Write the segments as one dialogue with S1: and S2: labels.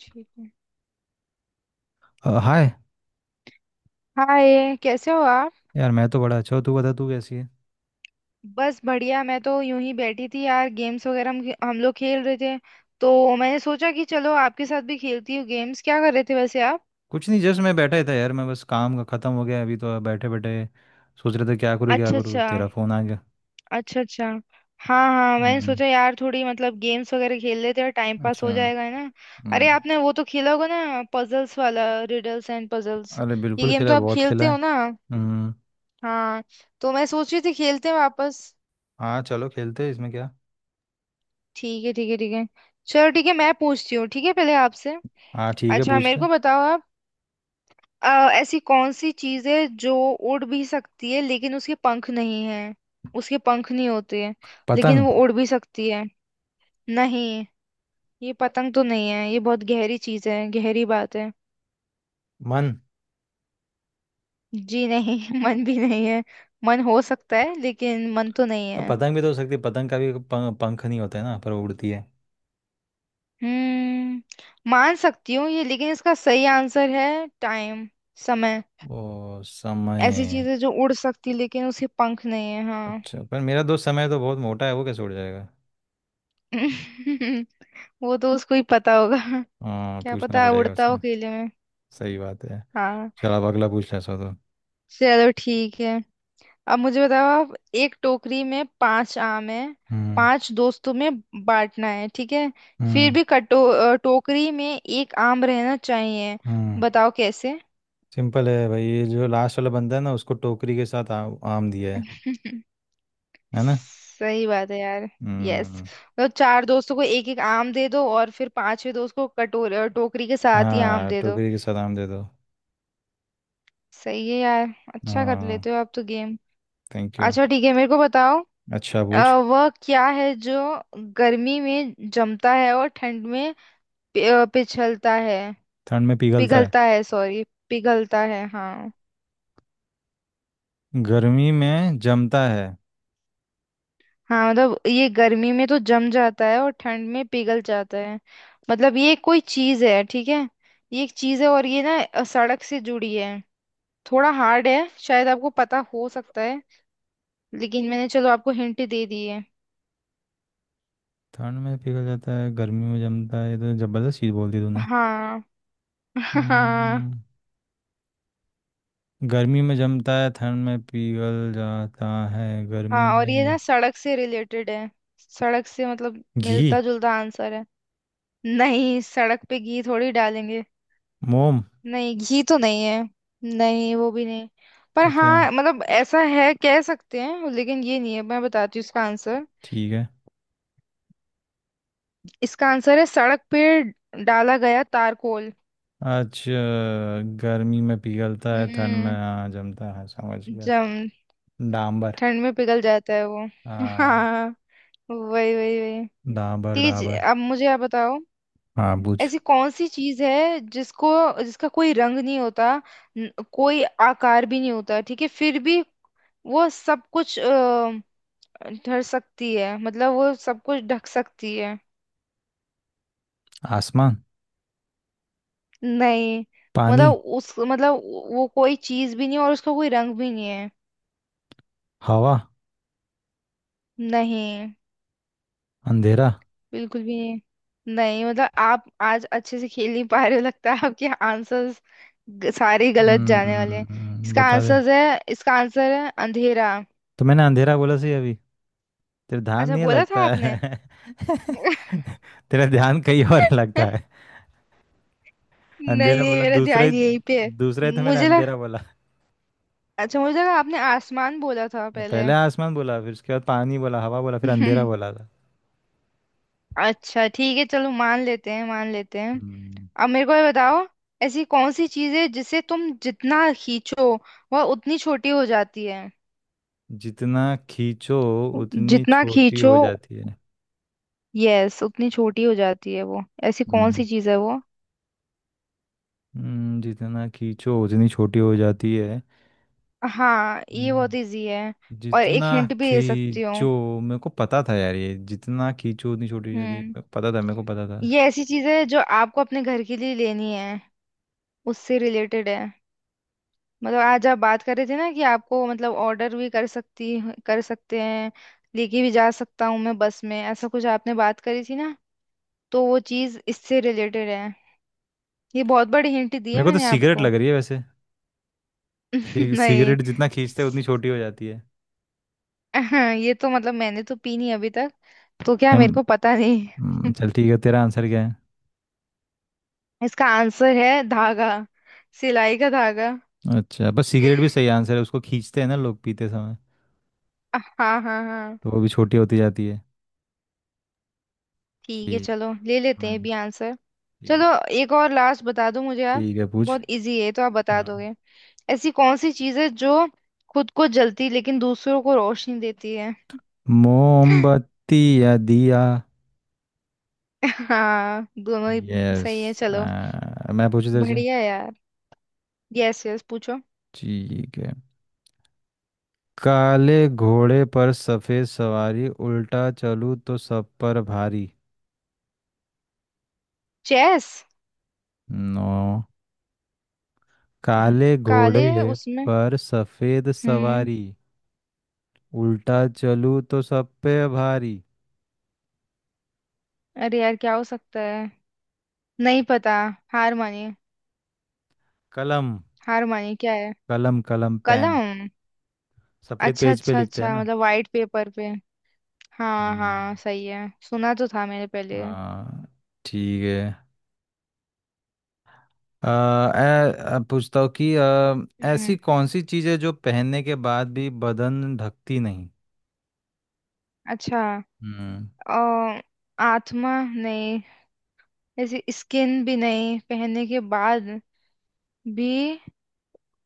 S1: ठीक है।
S2: हाय।
S1: हाय कैसे हो आप।
S2: यार मैं तो बड़ा अच्छा हूँ। तू बता, तू कैसी है?
S1: बस बढ़िया, मैं तो यूं ही बैठी थी यार, गेम्स वगैरह हम लोग खेल रहे थे तो मैंने सोचा कि चलो आपके साथ भी खेलती हूँ। गेम्स क्या कर रहे थे वैसे आप?
S2: कुछ नहीं, जस्ट मैं बैठा ही था यार। मैं बस, काम का ख़त्म हो गया अभी, तो बैठे बैठे सोच रहे थे क्या करूँ क्या
S1: अच्छा
S2: करूँ,
S1: अच्छा।
S2: तेरा फ़ोन आ गया।
S1: अच्छा अच्छा। हाँ हाँ मैंने
S2: हम्म।
S1: सोचा यार थोड़ी मतलब गेम्स वगैरह खेल लेते हैं, टाइम पास
S2: अच्छा।
S1: हो जाएगा, है ना।
S2: हम्म।
S1: अरे आपने वो तो खेला होगा ना, पजल्स वाला, रिडल्स एंड पजल्स।
S2: अरे
S1: ये
S2: बिल्कुल
S1: गेम
S2: खेला
S1: तो
S2: है,
S1: आप
S2: बहुत
S1: खेलते
S2: खेला
S1: हो
S2: है।
S1: ना।
S2: हम्म।
S1: हाँ। तो मैं सोच रही थी खेलते हैं वापस।
S2: हाँ चलो, खेलते हैं इसमें क्या।
S1: ठीक है ठीक है ठीक है। चलो ठीक है मैं पूछती हूँ, ठीक है पहले आपसे।
S2: हाँ ठीक है,
S1: अच्छा
S2: पूछ
S1: मेरे
S2: ले।
S1: को बताओ आप। अ, ऐसी कौन सी चीज है जो उड़ भी सकती है लेकिन उसके पंख नहीं है। उसके पंख नहीं होते हैं लेकिन
S2: पतंग।
S1: वो उड़ भी सकती है। नहीं, ये पतंग तो नहीं है, ये बहुत गहरी चीज है, गहरी बात है।
S2: मन।
S1: जी नहीं मन भी नहीं है। मन हो सकता है लेकिन मन तो नहीं
S2: अब
S1: है।
S2: पतंग भी तो हो सकती है, पतंग का भी पंख, पंख नहीं होता है ना, पर वो उड़ती है।
S1: मान सकती हूँ ये लेकिन इसका सही आंसर है टाइम। समय।
S2: ओ,
S1: ऐसी चीज
S2: समय।
S1: है जो उड़ सकती लेकिन उसके पंख नहीं है, हाँ।
S2: अच्छा पर मेरा दोस्त समय तो बहुत मोटा है, वो कैसे उड़ जाएगा?
S1: वो तो उसको ही पता होगा।
S2: हाँ,
S1: क्या
S2: पूछना
S1: पता
S2: पड़ेगा
S1: उड़ता हो
S2: उसे।
S1: खेले में।
S2: सही बात है।
S1: हाँ।
S2: चल अब अगला पूछ ले ऐसा तो।
S1: चलो ठीक है। अब मुझे बताओ आप, एक टोकरी में पांच आम है,
S2: हम्म।
S1: पांच दोस्तों में बांटना है, ठीक है। फिर
S2: हम्म।
S1: भी टोकरी में एक आम रहना चाहिए।
S2: हम्म।
S1: बताओ कैसे।
S2: सिंपल है भाई, ये जो लास्ट वाला बंदा है ना, उसको टोकरी के साथ आम दिया है। है ना।
S1: सही बात है यार। यस।
S2: हम्म।
S1: मतलब चार दोस्तों को एक एक आम दे दो और फिर पांचवे दोस्त को टोकरी के साथ ही आम
S2: हाँ,
S1: दे दो।
S2: टोकरी के साथ आम दे दो।
S1: सही है यार। अच्छा कर
S2: हाँ।
S1: लेते हो आप तो गेम।
S2: Thank you.
S1: अच्छा ठीक है मेरे को बताओ।
S2: अच्छा,
S1: अ,
S2: पूछ।
S1: वह क्या है जो गर्मी में जमता है और ठंड में पिछलता है।
S2: ठंड में पिघलता है?
S1: पिघलता है सॉरी, पिघलता है हाँ।
S2: गर्मी में जमता है।
S1: हाँ मतलब ये गर्मी में तो जम जाता है और ठंड में पिघल जाता है। मतलब ये कोई चीज है, ठीक है। ये एक चीज है और ये ना सड़क से जुड़ी है। थोड़ा हार्ड है, शायद आपको पता हो सकता है, लेकिन मैंने चलो आपको हिंट दे दी है।
S2: ठंड में पिघल जाता है, गर्मी में जमता है, ये तो जबरदस्त चीज बोल दी तूने।
S1: हाँ। हाँ।
S2: हम्म। गर्मी में जमता है, ठंड में पिघल जाता है, गर्मी
S1: हाँ और ये ना
S2: में।
S1: सड़क से रिलेटेड है, सड़क से मतलब
S2: घी।
S1: मिलता जुलता आंसर है। नहीं, सड़क पे घी थोड़ी डालेंगे।
S2: मोम।
S1: नहीं, घी तो नहीं है। नहीं, वो भी नहीं। पर
S2: तो क्या
S1: हाँ
S2: है?
S1: मतलब ऐसा है कह सकते हैं लेकिन ये नहीं है, मैं बताती हूँ इसका आंसर।
S2: ठीक है।
S1: इसका आंसर है सड़क पे डाला गया तारकोल।
S2: आज गर्मी में पिघलता है, ठंड में,
S1: हम्म
S2: हाँ, जमता है, समझ गया।
S1: जम।
S2: डांबर।
S1: ठंड में पिघल जाता है वो
S2: हाँ।
S1: हाँ। वही वही वही।
S2: डांबर
S1: ठीक है जी,
S2: डाबर।
S1: अब मुझे आप बताओ।
S2: हाँ, बुझ।
S1: ऐसी कौन सी चीज है जिसको जिसका कोई रंग नहीं होता, कोई आकार भी नहीं होता, ठीक है, फिर भी वो सब कुछ ढर सकती है मतलब वो सब कुछ ढक सकती है।
S2: आसमान।
S1: नहीं
S2: पानी।
S1: मतलब उस मतलब वो कोई चीज भी नहीं और उसका कोई रंग भी नहीं है।
S2: हवा।
S1: नहीं।
S2: अंधेरा।
S1: बिल्कुल भी नहीं। नहीं मतलब आप आज अच्छे से खेल नहीं पा रहे हो लगता है, आपके आंसर्स सारे गलत जाने वाले हैं।
S2: हम्म,
S1: इसका
S2: बता दे।
S1: आंसर है, इसका आंसर है अंधेरा।
S2: तो मैंने अंधेरा बोला सही अभी। तेरा ध्यान
S1: अच्छा
S2: नहीं है
S1: बोला
S2: लगता
S1: था आपने।
S2: है। तेरा ध्यान कहीं और है लगता है।
S1: नहीं
S2: अंधेरा
S1: नहीं
S2: बोला
S1: मेरा
S2: दूसरा ही।
S1: ध्यान यहीं पे है।
S2: दूसरा ही तो मैंने
S1: मुझे लगा,
S2: अंधेरा बोला।
S1: अच्छा मुझे लगा आपने आसमान बोला था पहले।
S2: पहले आसमान बोला, फिर उसके बाद पानी बोला, हवा बोला, फिर अंधेरा
S1: हम्म,
S2: बोला था।
S1: अच्छा ठीक है चलो मान लेते हैं मान लेते हैं।
S2: हम्म।
S1: अब मेरे को ये बताओ, ऐसी कौन सी चीज है जिसे तुम जितना खींचो वह उतनी छोटी हो जाती है।
S2: जितना खींचो उतनी
S1: जितना
S2: छोटी
S1: खींचो,
S2: हो जाती है?
S1: यस, उतनी छोटी हो जाती है वो। ऐसी कौन
S2: हम्म,
S1: सी चीज है वो।
S2: जितना खींचो उतनी छोटी हो जाती है।
S1: हाँ ये बहुत
S2: हम्म,
S1: इजी है, और एक
S2: जितना
S1: हिंट भी दे सकती हूँ।
S2: खींचो। मेरे को पता था यार, ये जितना खींचो उतनी छोटी हो जाती
S1: हम्म।
S2: है, पता था मेरे को, पता था।
S1: ये ऐसी चीज है जो आपको अपने घर के लिए लेनी है, उससे रिलेटेड है। मतलब आज आप बात कर रहे थे ना कि आपको मतलब ऑर्डर भी कर सकती, कर सकते हैं, लेके भी जा सकता हूँ मैं बस में, ऐसा कुछ आपने बात करी थी ना। तो वो चीज इससे रिलेटेड है। ये बहुत बड़ी हिंट दी है
S2: मेरे को तो
S1: मैंने
S2: सिगरेट
S1: आपको
S2: लग रही है वैसे।
S1: नहीं।
S2: सिगरेट जितना खींचते हैं उतनी छोटी हो जाती है।
S1: ये तो मतलब मैंने तो पी नहीं अभी तक, तो क्या मेरे
S2: हम।
S1: को पता नहीं।
S2: चल ठीक है, तेरा आंसर क्या है?
S1: इसका आंसर है धागा, सिलाई का धागा
S2: अच्छा बस, सिगरेट भी सही आंसर है, उसको खींचते हैं ना लोग पीते समय।
S1: हाँ हाँ हाँ।
S2: तो वो भी छोटी होती जाती है।
S1: ठीक है
S2: ठीक।
S1: चलो ले लेते
S2: हाँ।
S1: हैं भी आंसर। चलो,
S2: ठीक।
S1: एक और लास्ट बता दो मुझे आप।
S2: ठीक है, पूछ।
S1: बहुत इजी है तो आप बता
S2: हाँ।
S1: दोगे। ऐसी कौन सी चीज़ है जो खुद को जलती लेकिन दूसरों को रोशनी देती है।
S2: मोमबत्ती या दिया।
S1: हाँ दोनों ही।
S2: यस।
S1: सही है चलो।
S2: मैं पूछू तेरे से।
S1: बढ़िया यार। यस यस पूछो।
S2: ठीक है। काले घोड़े पर सफेद सवारी, उल्टा चलूं तो सब पर भारी।
S1: चेस।
S2: नो। काले
S1: काले है
S2: घोड़े
S1: उसमें।
S2: पर सफेद
S1: हम्म।
S2: सवारी, उल्टा चलूं तो सब पे भारी।
S1: अरे यार क्या हो सकता है, नहीं पता, हार मानिए।
S2: कलम।
S1: हार मानिए क्या है।
S2: कलम कलम, पेन।
S1: कलम।
S2: सफेद
S1: अच्छा
S2: पेज पे
S1: अच्छा
S2: लिखते हैं
S1: अच्छा
S2: ना।
S1: मतलब वाइट पेपर पे। हाँ
S2: हम्म।
S1: हाँ सही है, सुना तो था मैंने पहले।
S2: हाँ। ठीक है। पूछता हूँ कि ऐसी
S1: हम्म।
S2: कौन सी चीज़ है जो पहनने के बाद भी बदन ढकती नहीं?
S1: अच्छा।
S2: हम्म।
S1: अ, आत्मा नहीं। ऐसे स्किन भी नहीं पहनने के बाद भी।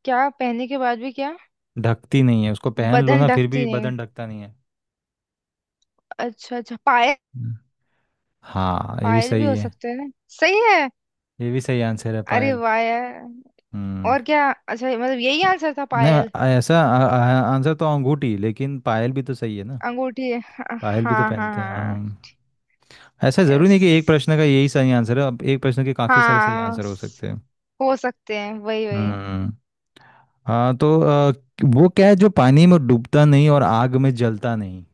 S1: क्या पहनने के बाद भी क्या।
S2: ढकती नहीं है, उसको पहन लो
S1: बदन
S2: ना फिर
S1: ढकती
S2: भी
S1: नहीं।
S2: बदन ढकता नहीं है।
S1: अच्छा अच्छा पायल।
S2: हम्म। हाँ, ये भी
S1: पायल भी
S2: सही
S1: हो
S2: है।
S1: सकते हैं। सही है।
S2: ये भी सही आंसर है,
S1: अरे
S2: पायल।
S1: वाह यार।
S2: हम्म।
S1: और क्या अच्छा मतलब यही आंसर था
S2: नहीं,
S1: पायल।
S2: ऐसा आंसर तो अंगूठी, लेकिन पायल भी तो सही है ना।
S1: अंगूठी हाँ
S2: पायल भी तो
S1: हाँ
S2: पहनते हैं
S1: हाँ।
S2: हाँ। ऐसा ज़रूरी
S1: यस।
S2: नहीं कि एक प्रश्न का यही सही आंसर है, अब एक प्रश्न के काफ़ी सारे सही
S1: हाँ।
S2: आंसर हो सकते हैं।
S1: हो सकते हैं वही वही।
S2: हम्म। हाँ तो वो क्या है जो पानी में डूबता नहीं और आग में जलता नहीं?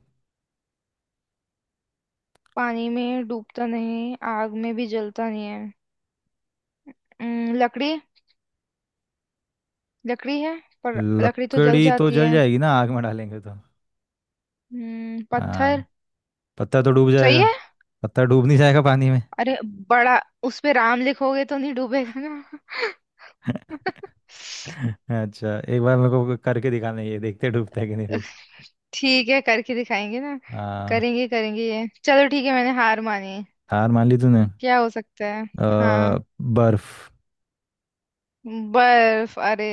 S1: पानी में डूबता नहीं आग में भी जलता नहीं है। लकड़ी, लकड़ी है पर लकड़ी तो जल
S2: लकड़ी तो
S1: जाती
S2: जल
S1: है।
S2: जाएगी ना, आग में डालेंगे तो। हाँ।
S1: पत्थर।
S2: पत्ता तो डूब
S1: सही
S2: जाएगा।
S1: है।
S2: पत्ता डूब नहीं जाएगा पानी में?
S1: अरे बड़ा, उस पे राम लिखोगे तो नहीं डूबेगा ना।
S2: अच्छा एक बार मेरे को करके दिखाना, ये देखते डूबता है कि नहीं फिर।
S1: ठीक है करके दिखाएंगे ना।
S2: हाँ।
S1: करेंगे करेंगे ये, चलो ठीक है मैंने हार मानी।
S2: हार मान ली तूने?
S1: क्या हो सकता है।
S2: अ,
S1: हाँ।
S2: बर्फ।
S1: बर्फ, अरे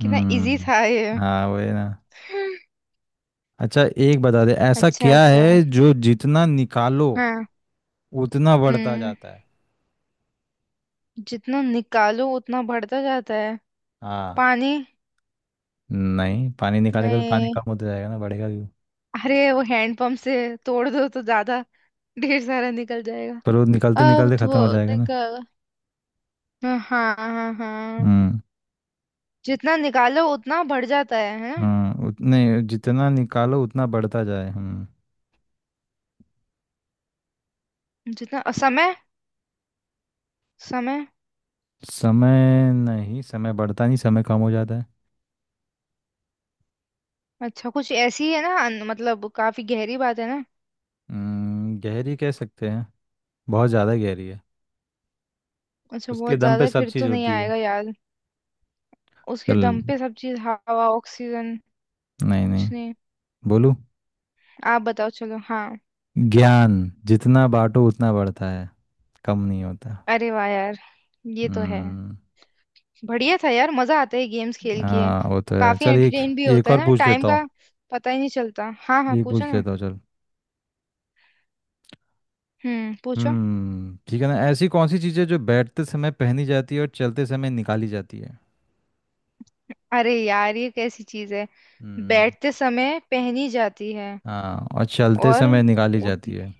S1: कितना इजी
S2: हम्म।
S1: था ये।
S2: हाँ वही ना। अच्छा एक बता दे, ऐसा
S1: अच्छा
S2: क्या
S1: अच्छा
S2: है जो जितना निकालो
S1: हाँ।
S2: उतना बढ़ता
S1: हम्म
S2: जाता है?
S1: जितना निकालो उतना बढ़ता जाता है।
S2: हाँ।
S1: पानी।
S2: नहीं, पानी निकालेगा तो पानी
S1: नहीं,
S2: कम होता जाएगा ना, बढ़ेगा क्यों?
S1: अरे वो हैंडपंप से तोड़ दो तो ज्यादा ढेर सारा निकल जाएगा।
S2: पर वो निकालते
S1: अब
S2: निकालते ख़त्म हो
S1: तो
S2: जाएगा ना।
S1: निकल, हाँ हाँ हाँ हाँ।
S2: हम्म।
S1: जितना निकालो उतना बढ़ जाता है ना।
S2: हम्म, उतने। जितना निकालो उतना बढ़ता जाए, हम्म।
S1: जितना समय, समय।
S2: समय नहीं, समय बढ़ता नहीं, समय कम हो जाता है।
S1: अच्छा कुछ ऐसी है ना मतलब काफी गहरी बात है ना।
S2: हम्म, गहरी कह सकते हैं। बहुत ज़्यादा गहरी है।
S1: अच्छा
S2: उसके
S1: बहुत
S2: दम
S1: ज्यादा
S2: पे
S1: है,
S2: सब
S1: फिर तो
S2: चीज़
S1: नहीं
S2: होती है।
S1: आएगा यार। उसके
S2: चल।
S1: दम पे सब चीज हवा ऑक्सीजन।
S2: नहीं,
S1: कुछ
S2: नहीं।
S1: नहीं।
S2: बोलू।
S1: आप बताओ चलो हाँ।
S2: ज्ञान। जितना बांटो उतना बढ़ता है। कम नहीं होता।
S1: अरे वाह यार। ये तो है।
S2: हम्म।
S1: बढ़िया था यार मजा आता है गेम्स खेल के।
S2: हाँ वो तो है,
S1: काफी
S2: चल एक।
S1: एंटरटेन भी
S2: एक
S1: होता है
S2: और
S1: ना
S2: पूछ
S1: टाइम
S2: लेता हूँ।
S1: का, पता ही नहीं चलता। हाँ हाँ
S2: एक
S1: पूछो
S2: पूछ
S1: ना।
S2: लेता हूँ चल।
S1: पूछो।
S2: हम्म, ठीक है ना, ऐसी कौन सी चीज़ें जो बैठते समय पहनी जाती है और चलते समय निकाली जाती है?
S1: अरे यार ये कैसी चीज है।
S2: हम्म।
S1: बैठते समय पहनी जाती है
S2: हाँ, और चलते
S1: और
S2: समय निकाली जाती है।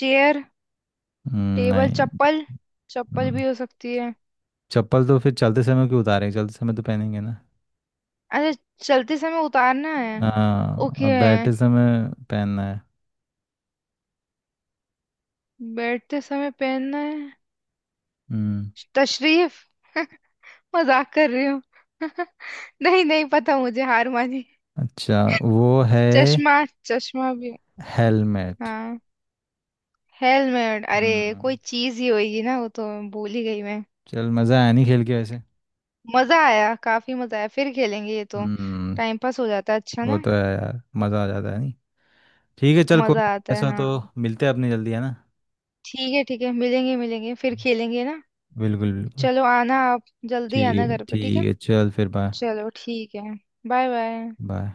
S1: चेयर,
S2: हम्म,
S1: टेबल,
S2: नहीं।
S1: चप्पल। चप्पल
S2: हम्म,
S1: भी हो सकती है।
S2: चप्पल तो फिर चलते समय क्यों उतारेंगे, चलते समय तो पहनेंगे ना।
S1: अच्छा चलते समय उतारना है।
S2: हाँ,
S1: ओके।
S2: और बैठते समय पहनना है।
S1: बैठते समय पहनना है।
S2: हम्म।
S1: तशरीफ। मजाक कर रही हूँ। नहीं नहीं पता मुझे, हार मानी।
S2: अच्छा वो है।
S1: चश्मा, चश्मा भी।
S2: हेलमेट।
S1: हाँ। हेलमेट अरे कोई
S2: हम्म।
S1: चीज ही होगी ना वो तो, भूल ही गई मैं।
S2: चल मज़ा आया नहीं खेल के वैसे?
S1: मजा आया, काफी मजा आया, फिर खेलेंगे ये तो।
S2: हम्म।
S1: टाइम पास हो जाता है, अच्छा
S2: वो
S1: ना।
S2: तो है यार, मज़ा आ जाता है नहीं। ठीक है चल, कोई
S1: मजा
S2: नहीं,
S1: आता है,
S2: ऐसा तो
S1: हाँ।
S2: मिलते हैं अपने जल्दी है ना।
S1: ठीक है ठीक है, मिलेंगे मिलेंगे फिर खेलेंगे ना।
S2: बिल्कुल बिल्कुल।
S1: चलो, आना आप, जल्दी आना
S2: ठीक है
S1: घर पे, ठीक
S2: ठीक
S1: है।
S2: है, चल फिर बाय।
S1: चलो ठीक है, बाय बाय।
S2: बाय।